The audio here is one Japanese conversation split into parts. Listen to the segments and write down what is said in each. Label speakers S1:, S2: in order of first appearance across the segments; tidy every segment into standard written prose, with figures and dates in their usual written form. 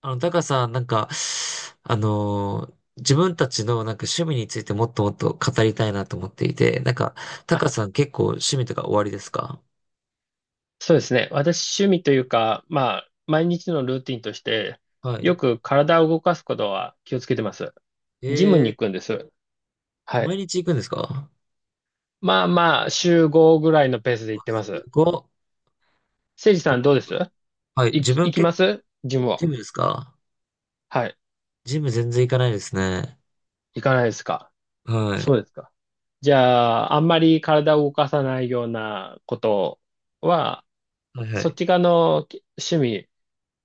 S1: タカさん、自分たちの趣味についてもっと語りたいなと思っていて、タカ
S2: あ、
S1: さん結構趣味とか終わりですか？
S2: そうですね。私、趣味というか、毎日のルーティンとして、
S1: は
S2: よ
S1: い。
S2: く体を動かすことは気をつけてます。ジムに
S1: え
S2: 行くんです。は
S1: 毎
S2: い。
S1: 日行くんですか？
S2: まあまあ、週5ぐらいのペースで
S1: う
S2: 行
S1: わ
S2: って
S1: す
S2: ます。
S1: ごっ。
S2: せいじさんどうです？
S1: はい。
S2: 行
S1: 自
S2: き、
S1: 分
S2: 行き
S1: 結
S2: ま
S1: 構、
S2: すジム
S1: ジ
S2: は。
S1: ムですか？
S2: はい。
S1: ジム全然行かないですね。
S2: 行かないですか？
S1: は
S2: そう
S1: い。
S2: ですか。じゃあ、あんまり体を動かさないようなことは、
S1: はいは
S2: そっ
S1: い。
S2: ち側のき趣味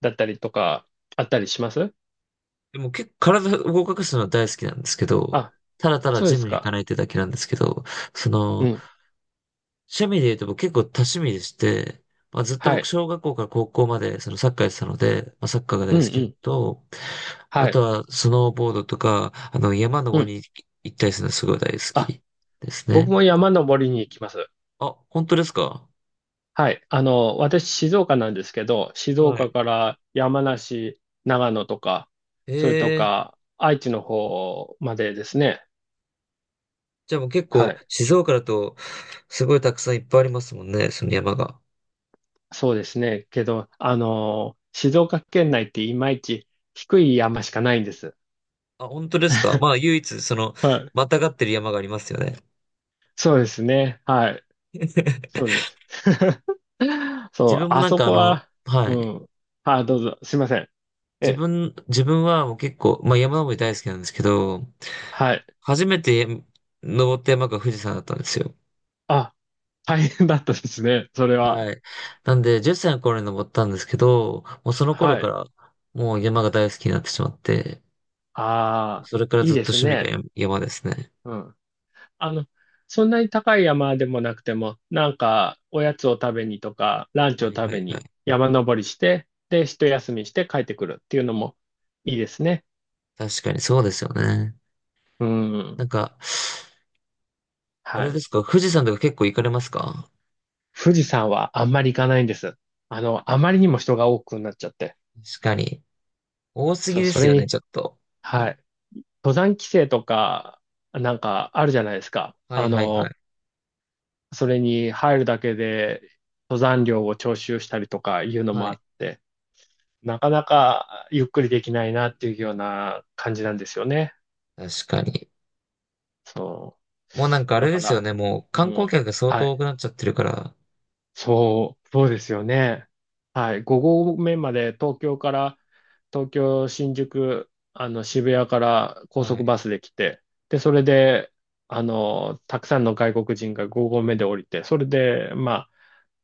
S2: だったりとか、あったりします？
S1: でも結構体を動かすのは大好きなんですけど、
S2: あ、
S1: ただ
S2: そうで
S1: ジ
S2: す
S1: ムに行か
S2: か。
S1: ないってだけなんですけど、そ
S2: う
S1: の、
S2: ん。
S1: 趣味で言うと僕結構多趣味でして、まあ、ずっと
S2: は
S1: 僕
S2: い。
S1: 小学校から高校までそのサッカーやってたので、まあ、サッカーが大
S2: うん
S1: 好き
S2: う
S1: なの
S2: ん。
S1: と、あ
S2: は
S1: と
S2: い。
S1: はスノーボードとか、あの山
S2: う
S1: 登
S2: ん。
S1: りに行ったりするのすごい大好
S2: あ、
S1: きです
S2: 僕
S1: ね。
S2: も山登りに行きます。
S1: あ、本当ですか？
S2: はい。あの、私、静岡なんですけど、静
S1: はい。
S2: 岡から山梨、長野とか、それと
S1: ええ、
S2: か、愛知の方までですね。
S1: じゃあもう結
S2: は
S1: 構
S2: い。
S1: 静岡だとすごいたくさんいっぱいありますもんね、その山が。
S2: そうですね。けど、あの、静岡県内っていまいち低い山しかないんです。
S1: あ、本当ですか？まあ唯一その
S2: はい。
S1: またがってる山がありますよね。
S2: そうですね。はい。そう です。そ
S1: 自
S2: う、
S1: 分も
S2: あそこは、
S1: は
S2: う
S1: い。
S2: ん。あ、どうぞ。すいません。
S1: 自
S2: え、
S1: 分、自分はもう結構、まあ山登り大好きなんですけど、
S2: はい。
S1: 初めて登った山が富士山だったんですよ。
S2: あ、大変だったですね、それは。
S1: はい。なんで、10歳の頃に登ったんですけど、もうその頃
S2: は
S1: か
S2: い。
S1: ら、もう山が大好きになってしまって、
S2: ああ、
S1: それから
S2: いい
S1: ずっ
S2: で
S1: と
S2: す
S1: 趣味が
S2: ね。
S1: 山ですね。
S2: うん。あの、そんなに高い山でもなくても、なんか、おやつを食べにとか、ランチ
S1: は
S2: を
S1: い
S2: 食
S1: は
S2: べ
S1: いは
S2: に
S1: い。
S2: 山登りして、で、一休みして帰ってくるっていうのもいいですね。
S1: 確かにそうですよね。
S2: う
S1: なん
S2: ん。
S1: か、あ
S2: は
S1: れで
S2: い。
S1: すか、富士山とか結構行かれますか？
S2: 富士山はあんまり行かないんです。あの、あまりにも人が多くなっちゃって。
S1: 確かに。多すぎ
S2: そう、
S1: で
S2: そ
S1: す
S2: れ
S1: よね、
S2: に、
S1: ちょっと。
S2: はい。登山規制とか、なんかあるじゃないですか。
S1: は
S2: あ
S1: いはいは
S2: の、
S1: い。
S2: それに入るだけで登山料を徴収したりとかいうの
S1: は
S2: もあ
S1: い。
S2: って、なかなかゆっくりできないなっていうような感じなんですよね。
S1: 確かに。
S2: そ
S1: もうなんかあ
S2: う。
S1: れ
S2: だ
S1: で
S2: か
S1: すよね。
S2: ら、
S1: もう
S2: う
S1: 観光
S2: ん。
S1: 客が相
S2: は
S1: 当
S2: い。
S1: 多くなっちゃってるから。
S2: そう、そうですよね。はい。5合目まで東京から、東京、新宿、あの、渋谷から高
S1: は
S2: 速
S1: い。
S2: バスで来て、で、それで、あの、たくさんの外国人が5合目で降りて、それで、まあ、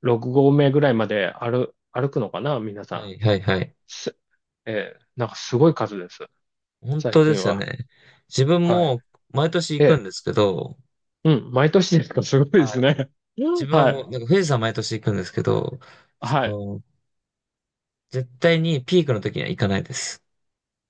S2: 6合目ぐらいまで歩くのかな、皆
S1: は
S2: さ
S1: い、はい、はい。
S2: ん。す、なんかすごい数です。
S1: 本
S2: 最
S1: 当で
S2: 近
S1: すよ
S2: は。
S1: ね。自分
S2: はい。
S1: も毎年行く
S2: え
S1: んで
S2: ー
S1: すけど、
S2: うん、毎年ですか、すごいで
S1: は
S2: す
S1: い。
S2: ね。
S1: 自 分は
S2: は
S1: も
S2: い。
S1: う、なんか富士山毎年行くんですけど、そ
S2: はい。
S1: の、絶対にピークの時には行かないです。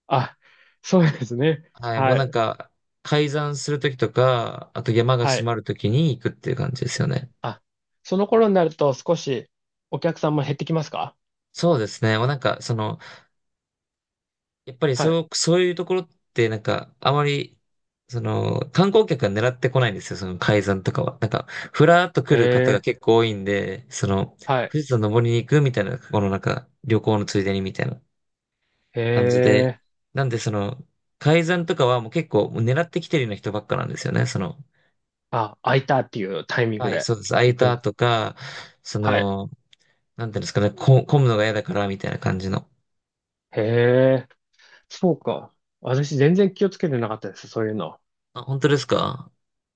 S2: あ、そうですね。
S1: はい。もう
S2: は
S1: なん
S2: い。
S1: か、開山する時とか、あと山が
S2: は
S1: 閉
S2: い。
S1: まる時に行くっていう感じですよね。
S2: あ、その頃になると少しお客さんも減ってきますか？
S1: そうですね。もうなんか、その、やっぱり
S2: はい。
S1: そう、そういうところってあまり観光客が狙ってこないんですよ、その海山とかは。ふらーっと来
S2: へ
S1: る方が
S2: え、
S1: 結構多いんで、
S2: はい。
S1: 富士山登りに行くみたいな、このなんか、旅行のついでにみたいな
S2: へ
S1: 感じで。
S2: え、
S1: なんでその、海山とかはもう結構狙ってきてるような人ばっかなんですよね、その。
S2: あ、空いたっていうタイミング
S1: はい、
S2: で
S1: そうです。空い
S2: 行く
S1: た
S2: ん。
S1: とか、そ
S2: はい。
S1: の、なんていうんですかね、こ混むのが嫌だからみたいな感じの。
S2: へえ、そうか。私全然気をつけてなかったです、そういうの。
S1: あ、本当ですか？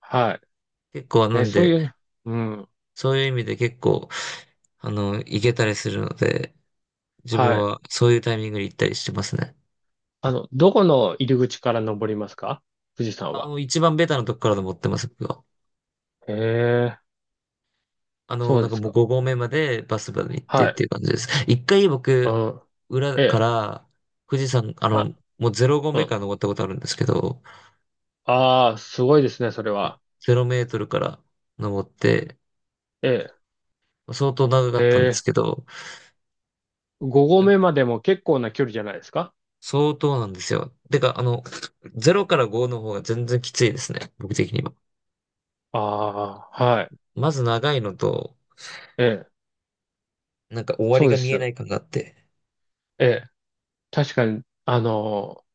S2: は
S1: 結構
S2: い。
S1: な
S2: え、
S1: ん
S2: そう
S1: で、
S2: いう、うん。
S1: そういう意味で結構、あの、行けたりするので、自分
S2: はい。
S1: はそういうタイミングに行ったりしてますね。
S2: あの、どこの入り口から登りますか、富士山
S1: あ
S2: は？
S1: の、一番ベタなとこからで持ってます、僕は。
S2: へえ、
S1: あの、
S2: そう
S1: なん
S2: で
S1: か
S2: す
S1: もう
S2: か。
S1: 5合目までバスまで行ってっ
S2: はい。
S1: ていう感じです。一回
S2: う
S1: 僕、
S2: ん。
S1: 裏
S2: え
S1: か
S2: え。
S1: ら富士山、あ
S2: あ、
S1: の、もう0合
S2: う
S1: 目
S2: ん。
S1: から登ったことあるんですけど、
S2: ああ、すごいですね、それ
S1: もう
S2: は。
S1: 0メートルから登って、
S2: え
S1: 相当長か
S2: え。へ
S1: ったんです
S2: え。
S1: けど、なんか
S2: 5合目までも結構な距離じゃないですか？
S1: 相当なんですよ。てか、あの、0から5の方が全然きついですね、僕的には。
S2: ああ、はい。
S1: まず長いのと、
S2: ええ、
S1: なんか終わり
S2: そう
S1: が
S2: で
S1: 見えな
S2: す。
S1: い感があって。
S2: ええ、確かに、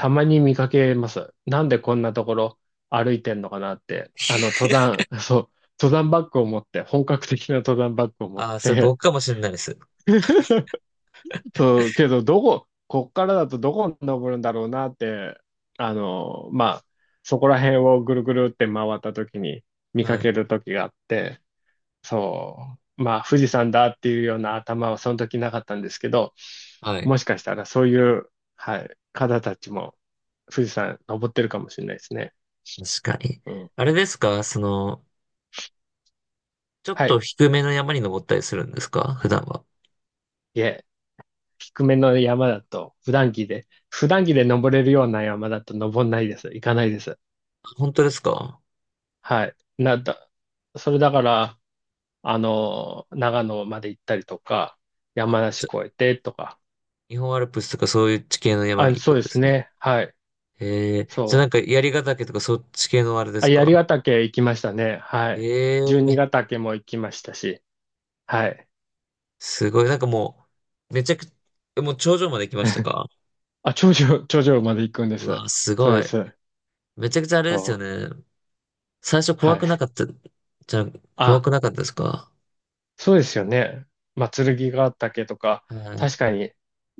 S2: たまに見かけます。なんでこんなところ歩いてんのかなって。あの、登 山、そう、登山バッグを持って、本格的な登山バッグを持っ
S1: ああ、それ
S2: て、
S1: 僕かもしれないです。
S2: そう、けど、どこ、こっからだとどこに登るんだろうなって、まあ、そこら辺をぐるぐるって回った時に見か
S1: はい。
S2: ける時があって、そう、まあ富士山だっていうような頭はその時なかったんですけど、
S1: はい。
S2: もしかしたらそういう、はい、方たちも富士山登ってるかもしれないですね。
S1: 確かに。
S2: うん。
S1: あれですかその、ちょっ
S2: は
S1: と
S2: い。
S1: 低めの山に登ったりするんですか普段は？
S2: いえ、低めの山だと、普段着で登れるような山だと登んないです。行かないです。
S1: 本当ですか？
S2: はい。なんだ、それだから、あの、長野まで行ったりとか、山梨
S1: じゃ
S2: 越えてとか、
S1: 日本アルプスとかそういう地形の山に
S2: あ、
S1: 行
S2: そ
S1: く
S2: う
S1: ん
S2: で
S1: で
S2: す
S1: すね。
S2: ね。はい。
S1: ええ、じゃあ
S2: そ
S1: なん
S2: う。
S1: か槍ヶ岳とかそっち系のあれで
S2: あ、
S1: すか？
S2: 槍ヶ岳行きましたね。はい。十二
S1: ええ、
S2: ヶ岳も行きましたし。はい。
S1: すごい。なんかもう、めちゃく、もう頂上まで来ました か？
S2: あ、頂上まで行くんで
S1: う
S2: す。
S1: わ、す
S2: そう
S1: ご
S2: で
S1: い。
S2: す。
S1: めちゃくちゃあれ
S2: そ
S1: ですよ
S2: う。
S1: ね。最初怖
S2: はい。
S1: くなかった、じゃあ怖
S2: あ、
S1: くなかったですか？
S2: そうですよね。まあ、剣ヶ岳とか、
S1: はい。
S2: 確かに、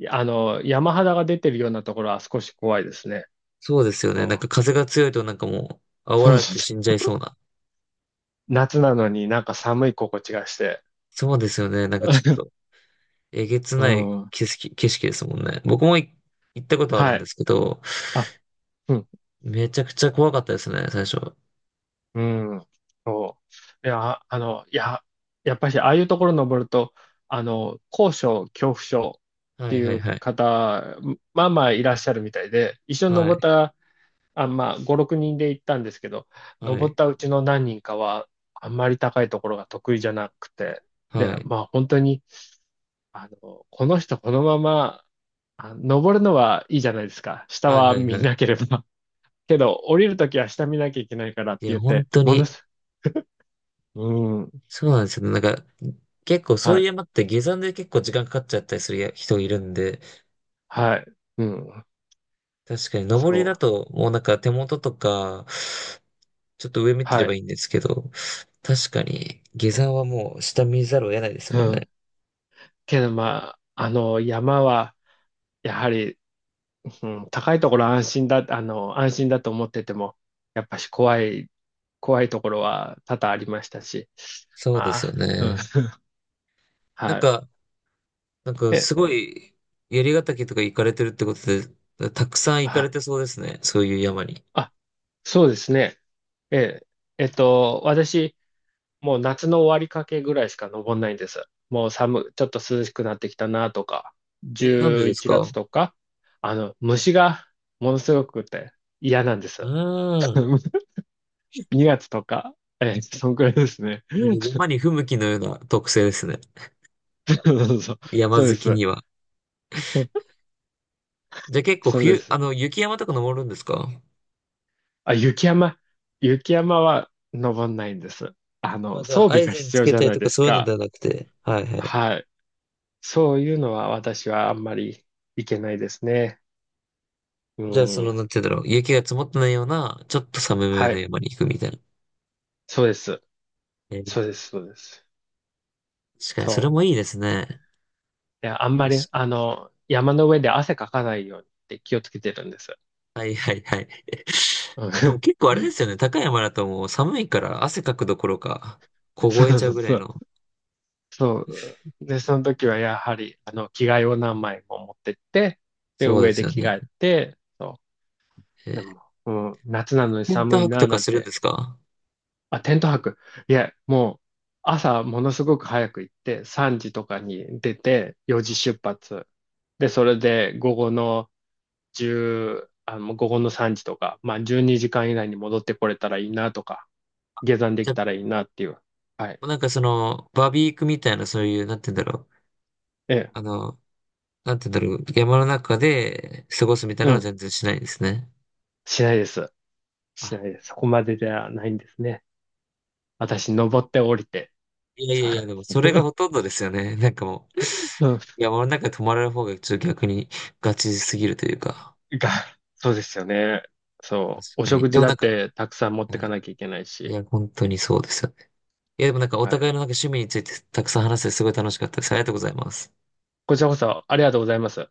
S2: あの、山肌が出てるようなところは少し怖いですね。
S1: そうですよね。なん
S2: そ
S1: か風が強いとなんかもう
S2: う。
S1: 煽
S2: そ
S1: ら
S2: う
S1: れ
S2: そう
S1: て
S2: そ
S1: 死んじ
S2: う。
S1: ゃいそうな。
S2: 夏なのになんか寒い心地がして。
S1: そうですよね。なんかちょっと えげつ
S2: う
S1: ない
S2: ん。
S1: 景色ですもんね。僕も行ったことある
S2: は
S1: んで
S2: い。
S1: すけど、
S2: あ、うん。
S1: めちゃくちゃ怖かったですね、最初。
S2: うん、そう。いや、あの、いや、やっぱし、ああいうところ登ると、あの、高所恐怖症っ
S1: は
S2: て
S1: いは
S2: い
S1: い
S2: う
S1: はい。
S2: 方、まあまあいらっしゃるみたいで、一緒に
S1: は
S2: 登っ
S1: い、
S2: た、あ、まあ、5、6人で行ったんですけど、
S1: は
S2: 登っ
S1: い、
S2: たうちの何人かは、あんまり高いところが得意じゃなくて、で、
S1: はい。
S2: まあ、本当に、あの、この人、このまま、あ、登るのはいいじゃないですか。下
S1: はいは
S2: は
S1: いは
S2: 見な
S1: い。
S2: ければ。けど、降りるときは下見なきゃいけないからっ
S1: い
S2: て
S1: や、
S2: 言っ
S1: 本
S2: て、
S1: 当
S2: もの
S1: に、
S2: す、うん。
S1: そうなんですよね。なんか、結構そう
S2: は
S1: いう
S2: い。
S1: 山って下山で結構時間かかっちゃったりする人いるんで、
S2: はい。うん。
S1: 確かに、
S2: そ
S1: 登りだ
S2: う。
S1: と、もうなんか手元とか、ちょっと上見てれ
S2: は
S1: ば
S2: い。
S1: いいんですけど、確かに、下
S2: そ
S1: 山はもう下見ざるを得ないです
S2: う。
S1: もん
S2: う
S1: ね。
S2: ん。けど、まあ、あの、山は、やはり、うん、高いところ安心だ、あの、安心だと思ってても、やっぱし怖い、怖いところは多々ありましたし、
S1: そうで
S2: ま
S1: すよ
S2: あ、うん。
S1: ね。なん
S2: はい。
S1: か、なんか
S2: え、
S1: すごい、槍ヶ岳とか行かれてるってことで、たくさん行か
S2: あ、
S1: れてそうですね。そういう山に。
S2: あ、そうですね。え、私、もう夏の終わりかけぐらいしか登んないんです。もう寒、ちょっと涼しくなってきたなとか、
S1: え、なんでで
S2: 11
S1: すか？
S2: 月とか、あの、虫がものすごくて嫌なんで
S1: あ
S2: す。
S1: あー、
S2: 2月とか、そんくらいですね。
S1: なんか 山に不向きのような特性ですね。
S2: そうそうそう、
S1: 山
S2: そうで
S1: 好きに
S2: す。
S1: は。じゃあ結構
S2: そうで
S1: 冬、
S2: す。
S1: あの、雪山とか登るんですか？
S2: あ、雪山は登んないんです。あ
S1: あ、
S2: の、
S1: じゃ
S2: 装
S1: あ、ア
S2: 備
S1: イ
S2: が
S1: ゼン
S2: 必
S1: つ
S2: 要
S1: け
S2: じゃ
S1: たり
S2: ない
S1: とか
S2: です
S1: そういうので
S2: か。
S1: はなくて。はいはい。
S2: はい。そういうのは私はあんまりいけないですね。う
S1: じゃあ、その、なん
S2: ん。
S1: て言うんだろう。雪が積もってないような、ちょっと寒め
S2: は
S1: の
S2: い。
S1: 山に行くみたいな。
S2: そうです。
S1: えー、
S2: そうです、そうです。
S1: 確かに、それ
S2: そ
S1: もいいですね。
S2: う。いや、あんま
S1: 確
S2: り、
S1: かに。
S2: あの、山の上で汗かかないようにって気をつけてるんです。
S1: はいはいはい。
S2: うん。
S1: でも結構あれですよね。高い山だともう寒いから汗かくどころか、
S2: そ
S1: 凍え
S2: う
S1: ちゃ
S2: そ
S1: う
S2: う
S1: ぐら
S2: そ
S1: い
S2: う。
S1: の。
S2: そう。で、その時はやはり、あの、着替えを何枚も持ってって、で、
S1: そうで
S2: 上
S1: す
S2: で
S1: よ
S2: 着
S1: ね。
S2: 替えて、そ
S1: え
S2: う。で
S1: ー、
S2: も、うん、夏なのに
S1: テント
S2: 寒い
S1: 泊
S2: な、
S1: とか
S2: なん
S1: するん
S2: て、
S1: ですか？
S2: あ、テント泊。いや、もう、朝ものすごく早く行って、3時とかに出て、4
S1: は
S2: 時
S1: い、
S2: 出発。で、それで午後の1、あの、午後の3時とか、まあ12時間以内に戻ってこれたらいいなとか、下山で
S1: じ
S2: きた
S1: ゃ
S2: らいいなっていう。はい。
S1: あ、なんかその、バーベキュークみたいな、そういう、なんて言うんだろう。
S2: ええ。
S1: あの、なんて言うんだろう。山の中で過ごすみたい
S2: う
S1: なのは
S2: ん。
S1: 全然しないんですね。
S2: しないです。
S1: あ、
S2: しないです。そこまでではないんですね。私、登って降りて。
S1: いやい
S2: そ
S1: や
S2: う。
S1: いや、でもそれがほ とんどですよね。なんかもう、
S2: うん。
S1: 山の中に泊まれる方がちょっと逆にガチすぎるというか。
S2: が、そうですよね。そ
S1: 確
S2: う。お
S1: かに。
S2: 食
S1: で
S2: 事
S1: も
S2: だ
S1: なん
S2: っ
S1: か、
S2: てたくさん持って
S1: うん、
S2: かなきゃいけない
S1: い
S2: し。
S1: や、本当にそうですよね。いや、でもなんかお
S2: はい。
S1: 互いのなんか趣味についてたくさん話してすごい楽しかったです。ありがとうございます。
S2: こちらこそありがとうございます。